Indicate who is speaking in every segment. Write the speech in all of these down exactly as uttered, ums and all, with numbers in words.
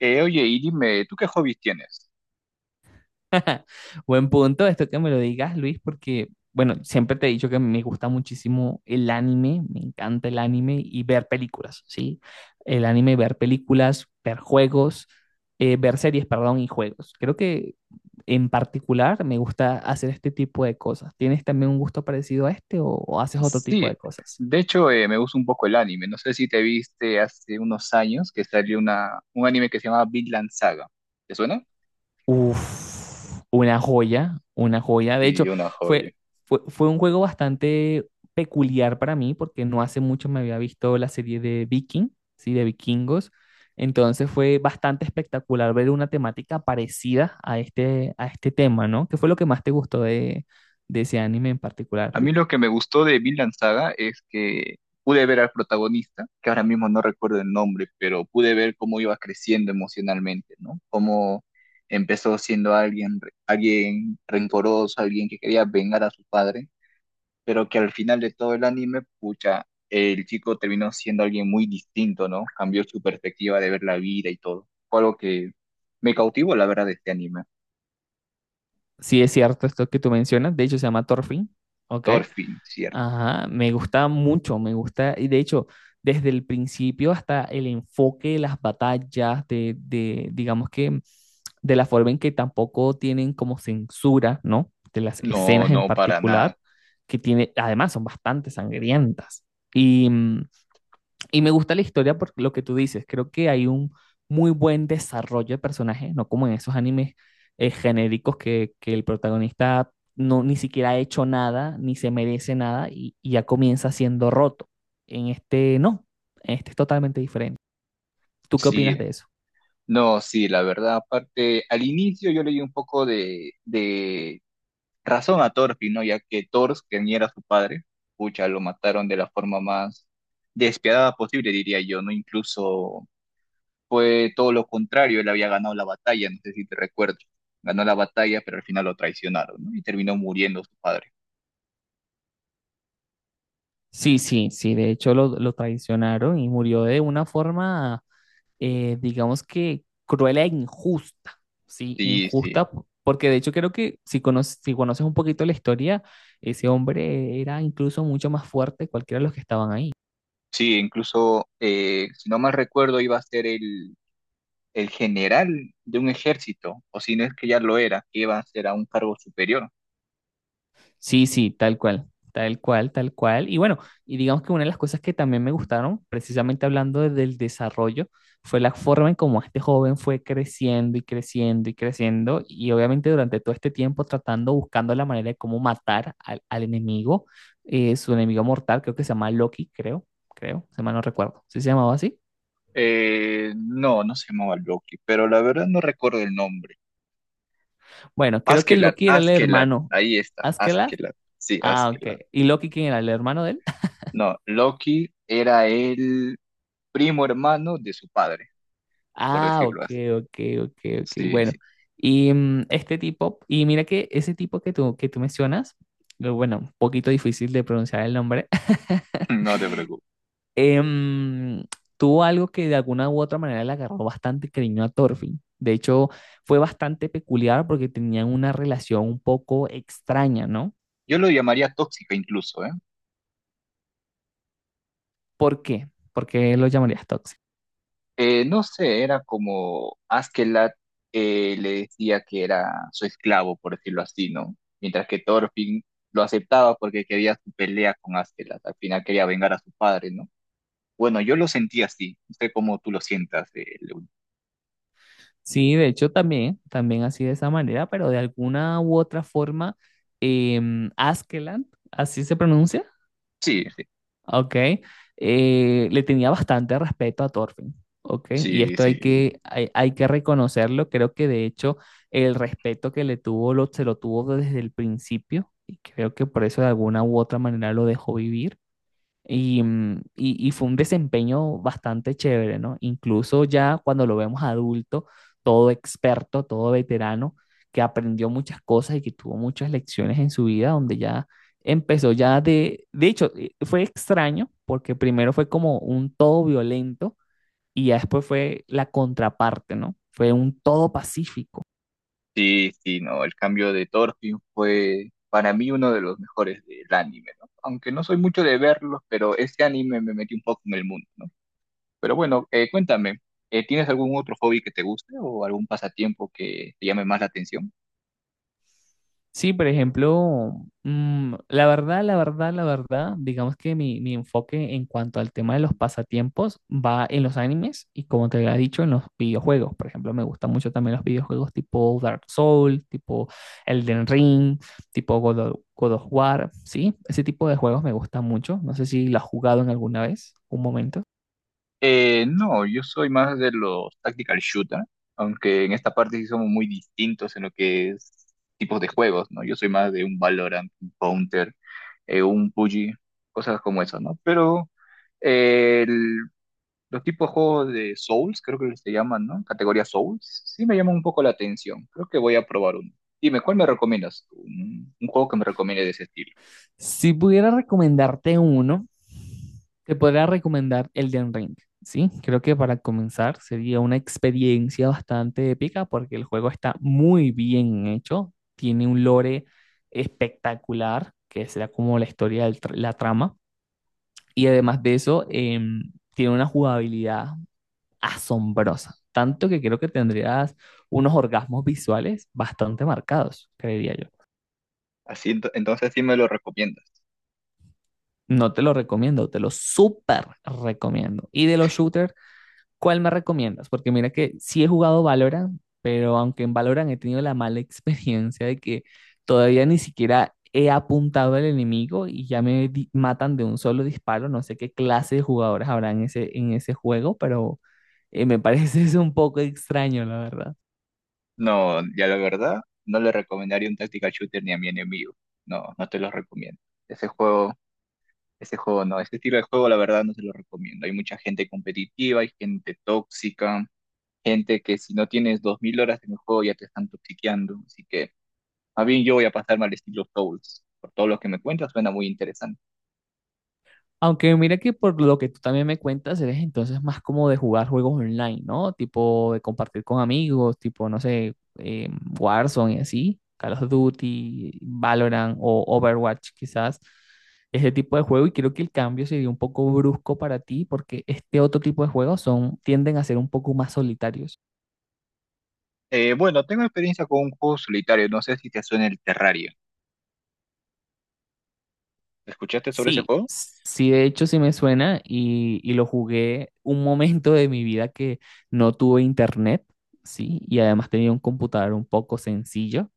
Speaker 1: Eh, oye, y dime, ¿tú qué hobbies tienes?
Speaker 2: Buen punto, esto que me lo digas, Luis, porque, bueno, siempre te he dicho que me gusta muchísimo el anime, me encanta el anime y ver películas, ¿sí? El anime, ver películas, ver juegos, eh, ver series, perdón, y juegos. Creo que en particular me gusta hacer este tipo de cosas. ¿Tienes también un gusto parecido a este o o haces otro tipo
Speaker 1: Sí,
Speaker 2: de cosas?
Speaker 1: de hecho eh, me gusta un poco el anime. No sé si te viste hace unos años que salió una, un anime que se llama Vinland Saga. ¿Te suena?
Speaker 2: Uf, una joya, una joya. De hecho,
Speaker 1: Sí, una joya.
Speaker 2: fue, fue, fue un juego bastante peculiar para mí porque no hace mucho me había visto la serie de Viking, ¿sí? De vikingos. Entonces fue bastante espectacular ver una temática parecida a este, a este tema, ¿no? ¿Qué fue lo que más te gustó de, de ese anime en particular,
Speaker 1: A
Speaker 2: Luis?
Speaker 1: mí lo que me gustó de Vinland Saga es que pude ver al protagonista, que ahora mismo no recuerdo el nombre, pero pude ver cómo iba creciendo emocionalmente, ¿no? Cómo empezó siendo alguien, re- alguien rencoroso, alguien que quería vengar a su padre pero que al final de todo el anime, pucha, el chico terminó siendo alguien muy distinto, ¿no? Cambió su perspectiva de ver la vida y todo. Fue algo que me cautivó, la verdad, de este anime.
Speaker 2: Sí, es cierto esto que tú mencionas. De hecho, se llama Thorfinn, ¿ok?
Speaker 1: Thorfinn, ¿cierto?
Speaker 2: Ajá, me gusta mucho, me gusta, y de hecho, desde el principio hasta el enfoque de las batallas, de, de, digamos que, de la forma en que tampoco tienen como censura, ¿no? De las
Speaker 1: No,
Speaker 2: escenas en
Speaker 1: no, para nada.
Speaker 2: particular, que tiene, además son bastante sangrientas. Y, mm, y me gusta la historia por lo que tú dices. Creo que hay un muy buen desarrollo de personajes, no como en esos animes eh, genéricos que, que el protagonista no ni siquiera ha hecho nada, ni se merece nada y, y ya comienza siendo roto. En este no, en este es totalmente diferente. ¿Tú qué opinas
Speaker 1: Sí,
Speaker 2: de eso?
Speaker 1: no, sí, la verdad, aparte, al inicio yo le di un poco de, de razón a Thorfinn, ¿no? Ya que Thor, que ni era su padre, pucha, lo mataron de la forma más despiadada posible, diría yo, ¿no? Incluso fue todo lo contrario, él había ganado la batalla, no sé si te recuerdo. Ganó la batalla, pero al final lo traicionaron, ¿no? Y terminó muriendo su padre.
Speaker 2: Sí, sí, sí, de hecho lo, lo traicionaron y murió de una forma eh, digamos que cruel e injusta, ¿sí?
Speaker 1: Sí, sí.
Speaker 2: Injusta, po- porque de hecho creo que si conoces, si conoces un poquito la historia, ese hombre era incluso mucho más fuerte que cualquiera de los que estaban ahí.
Speaker 1: Sí, incluso, eh, si no mal recuerdo, iba a ser el, el general de un ejército, o si no es que ya lo era, que iba a ser a un cargo superior.
Speaker 2: Sí, sí, tal cual, tal cual, tal cual. Y bueno, y digamos que una de las cosas que también me gustaron, precisamente hablando de- del desarrollo, fue la forma en cómo este joven fue creciendo y creciendo y creciendo, y obviamente durante todo este tiempo tratando, buscando la manera de cómo matar al, al enemigo, eh, su enemigo mortal, creo que se llama Loki, creo, creo, se mal no recuerdo, ¿sí se llamaba así?
Speaker 1: Eh, no, no se llamaba Loki, pero la verdad no recuerdo el nombre.
Speaker 2: Bueno, creo que
Speaker 1: Askelat,
Speaker 2: Loki era el
Speaker 1: Askelat,
Speaker 2: hermano.
Speaker 1: ahí está,
Speaker 2: ¿Askeladd?
Speaker 1: Askelat, sí,
Speaker 2: Ah, ok.
Speaker 1: Askelat.
Speaker 2: ¿Y Loki quién era? ¿El hermano de él?
Speaker 1: No, Loki era el primo hermano de su padre. Por
Speaker 2: Ah,
Speaker 1: decirlo
Speaker 2: ok,
Speaker 1: así.
Speaker 2: ok, ok, ok.
Speaker 1: Sí,
Speaker 2: Bueno,
Speaker 1: sí,
Speaker 2: y mm, este tipo, y mira que ese tipo que tú, que tú mencionas, eh, bueno, un poquito difícil de pronunciar el nombre,
Speaker 1: no te preocupes.
Speaker 2: em, tuvo algo que de alguna u otra manera le agarró bastante cariño a Thorfinn. De hecho, fue bastante peculiar porque tenían una relación un poco extraña, ¿no?
Speaker 1: Yo lo llamaría tóxica incluso, ¿eh?
Speaker 2: ¿Por qué? ¿Por qué lo llamarías tóxico?
Speaker 1: Eh, no sé, era como Askeladd eh, le decía que era su esclavo, por decirlo así, ¿no? Mientras que Thorfinn lo aceptaba porque quería su pelea con Askeladd, al final quería vengar a su padre, ¿no? Bueno, yo lo sentí así, no sé cómo tú lo sientas. eh, Lewin.
Speaker 2: Sí, de hecho también, también así de esa manera, pero de alguna u otra forma, em, Askeland, así se pronuncia,
Speaker 1: Sí,
Speaker 2: ¿ok? Eh, le tenía bastante respeto a Thorfinn, ¿ok? Y
Speaker 1: sí,
Speaker 2: esto
Speaker 1: sí,
Speaker 2: hay
Speaker 1: sí.
Speaker 2: que, hay, hay que reconocerlo, creo que de hecho el respeto que le tuvo lo, se lo tuvo desde el principio y creo que por eso de alguna u otra manera lo dejó vivir. Y, mm, y- y fue un desempeño bastante chévere, ¿no? Incluso ya cuando lo vemos adulto, todo experto, todo veterano, que aprendió muchas cosas y que tuvo muchas lecciones en su vida, donde ya empezó ya de, de hecho, eh, fue extraño, porque primero fue como un todo violento y ya después fue la contraparte, ¿no? Fue un todo pacífico.
Speaker 1: Sí, sí, no, el cambio de Thorfinn fue para mí uno de los mejores del anime, ¿no? Aunque no soy mucho de verlos, pero este anime me metió un poco en el mundo, ¿no? Pero bueno, eh, cuéntame, eh, ¿tienes algún otro hobby que te guste o algún pasatiempo que te llame más la atención?
Speaker 2: Sí, por ejemplo, mm, la verdad, la verdad, la verdad, digamos que mi, mi enfoque en cuanto al tema de los pasatiempos va en los animes y como te había dicho, en los videojuegos. Por ejemplo, me gustan mucho también los videojuegos tipo Dark Souls, tipo Elden Ring, tipo God of, God of War, ¿sí? Ese tipo de juegos me gustan mucho. No sé si lo has jugado en alguna vez, un momento.
Speaker 1: Eh, no, yo soy más de los tactical shooter, aunque en esta parte sí somos muy distintos en lo que es tipos de juegos, ¿no? Yo soy más de un Valorant, un Counter, eh, un P U B G, cosas como eso, ¿no? Pero... eh, El Los tipos de juegos de Souls, creo que se llaman, ¿no? Categoría Souls, sí me llaman un poco la atención. Creo que voy a probar uno. Dime, ¿cuál me recomiendas tú? Un, un juego que me recomiende de ese estilo.
Speaker 2: Si pudiera recomendarte uno, te podría recomendar Elden Ring, ¿sí? Creo que para comenzar sería una experiencia bastante épica porque el juego está muy bien hecho, tiene un lore espectacular, que será como la historia de la trama, y además de eso, em, tiene una jugabilidad asombrosa, tanto que creo que tendrías unos orgasmos visuales bastante marcados, creería yo.
Speaker 1: Así, ento- entonces sí me lo recomiendas.
Speaker 2: No te lo recomiendo, te lo súper recomiendo. Y de los shooters, ¿cuál me recomiendas? Porque mira que sí he jugado Valorant, pero aunque en Valorant he tenido la mala experiencia de que todavía ni siquiera he apuntado al enemigo y ya me di- matan de un solo disparo. No sé qué clase de jugadores habrá en ese, en ese juego, pero eh, me parece eso un poco extraño, la verdad.
Speaker 1: No, ya la verdad, no le recomendaría un tactical shooter ni a mi enemigo. No, no te lo recomiendo. Ese juego, ese juego no, ese estilo de juego la verdad no se lo recomiendo. Hay mucha gente competitiva, hay gente tóxica, gente que si no tienes dos mil horas en el juego ya te están toxiqueando. Así que más bien yo voy a pasarme al estilo Souls. Por todo lo que me cuentas, suena muy interesante.
Speaker 2: Aunque mira que por lo que tú también me cuentas, eres entonces más como de jugar juegos online, ¿no? Tipo de compartir con amigos, tipo, no sé, eh, Warzone y así, Call of Duty, Valorant o Overwatch quizás, ese tipo de juego. Y creo que el cambio sería un poco brusco para ti porque este otro tipo de juegos son, tienden a ser un poco más solitarios.
Speaker 1: Eh, bueno, tengo experiencia con un juego solitario. No sé si te suena el Terraria. ¿Escuchaste sobre ese
Speaker 2: Sí,
Speaker 1: juego?
Speaker 2: sí, de hecho sí me suena y, y lo jugué un momento de mi vida que no tuve internet, sí, y además tenía un computador un poco sencillo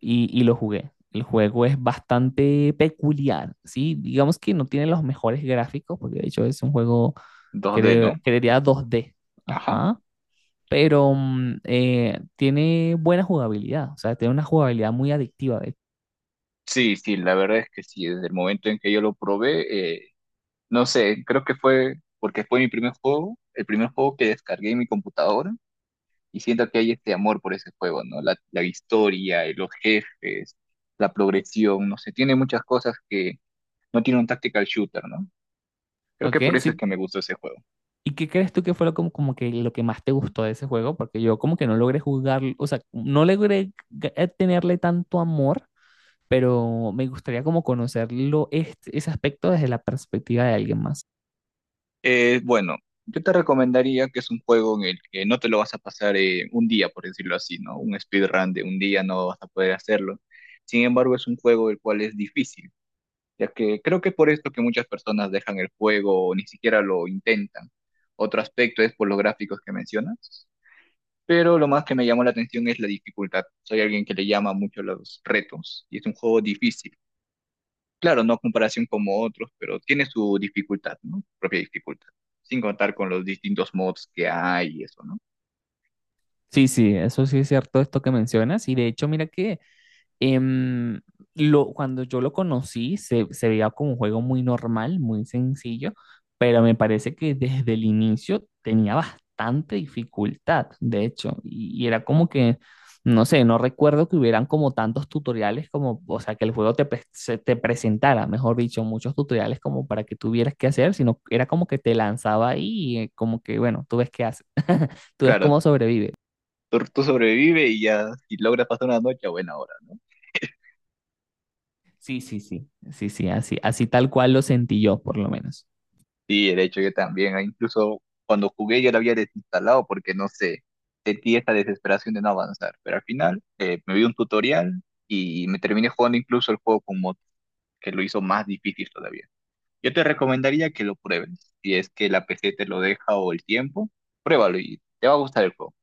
Speaker 2: y, y lo jugué. El juego es bastante peculiar, sí, digamos que no tiene los mejores gráficos, porque de hecho es un juego,
Speaker 1: dos D,
Speaker 2: cre-
Speaker 1: ¿no?
Speaker 2: creería dos d,
Speaker 1: Ajá.
Speaker 2: ajá, pero mm, eh, tiene buena jugabilidad, o sea, tiene una jugabilidad muy adictiva, de hecho.
Speaker 1: Sí, sí, la verdad es que sí. Desde el momento en que yo lo probé, eh, no sé, creo que fue porque fue mi primer juego, el primer juego que descargué en mi computadora. Y siento que hay este amor por ese juego, ¿no? La, la historia, eh, los jefes, la progresión, no sé, tiene muchas cosas que no tiene un tactical shooter, ¿no? Creo
Speaker 2: Ok,
Speaker 1: que por eso es
Speaker 2: si.
Speaker 1: que me gustó ese juego.
Speaker 2: ¿Y qué crees tú que fue lo, como, como que lo que más te gustó de ese juego? Porque yo como que no logré jugar, o sea, no logré g- eh, tenerle tanto amor, pero me gustaría como conocerlo, este- ese aspecto desde la perspectiva de alguien más.
Speaker 1: Eh, bueno, yo te recomendaría que es un juego en el que no te lo vas a pasar eh, un día, por decirlo así, ¿no? Un speedrun de un día no vas a poder hacerlo. Sin embargo, es un juego el cual es difícil, ya que creo que es por esto que muchas personas dejan el juego o ni siquiera lo intentan. Otro aspecto es por los gráficos que mencionas, pero lo más que me llamó la atención es la dificultad. Soy alguien que le llama mucho los retos y es un juego difícil. Claro, no a comparación como otros, pero tiene su dificultad, ¿no? Propia dificultad. Sin contar con los distintos mods que hay y eso, ¿no?
Speaker 2: Sí, sí, eso sí es cierto, esto que mencionas. Y de hecho, mira que Em, lo, cuando yo lo conocí, se, se veía como un juego muy normal, muy sencillo, pero me parece que desde el inicio tenía bastante dificultad, de hecho, y, y era como que, no sé, no recuerdo que hubieran como tantos tutoriales como, o sea, que el juego te, pre- se te presentara, mejor dicho, muchos tutoriales como para que tuvieras que hacer, sino era como que te lanzaba ahí y eh, como que, bueno, tú ves qué haces, tú ves
Speaker 1: Claro,
Speaker 2: cómo sobrevives.
Speaker 1: tú, tú sobrevive y ya, si logras pasar una noche, a buena hora, ¿no?
Speaker 2: Sí, sí, sí, sí, sí, así, así tal cual lo sentí yo, por lo menos.
Speaker 1: Sí, de hecho yo también, ah, incluso cuando jugué yo lo había desinstalado porque no sé, sentí esa desesperación de no avanzar. Pero al final eh, me vi un tutorial y me terminé jugando incluso el juego con mods, que lo hizo más difícil todavía. Yo te recomendaría que lo pruebes. Si es que la P C te lo deja o el tiempo, pruébalo y te va a gustar el juego.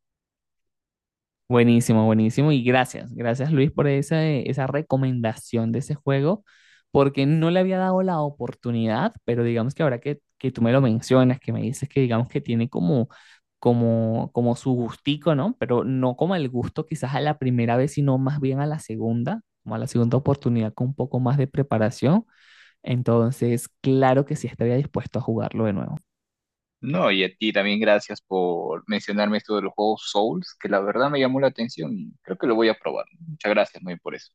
Speaker 2: Buenísimo, buenísimo. Y gracias, gracias Luis por esa, esa recomendación de ese juego, porque no le había dado la oportunidad, pero digamos que ahora que, que tú me lo mencionas, que me dices que digamos que tiene como, como, como su gustico, ¿no? Pero no como el gusto quizás a la primera vez, sino más bien a la segunda, como a la segunda oportunidad con un poco más de preparación. Entonces, claro que sí estaría dispuesto a jugarlo de nuevo.
Speaker 1: No, y a ti también gracias por mencionarme esto de los juegos Souls, que la verdad me llamó la atención y creo que lo voy a probar. Muchas gracias, muy por eso.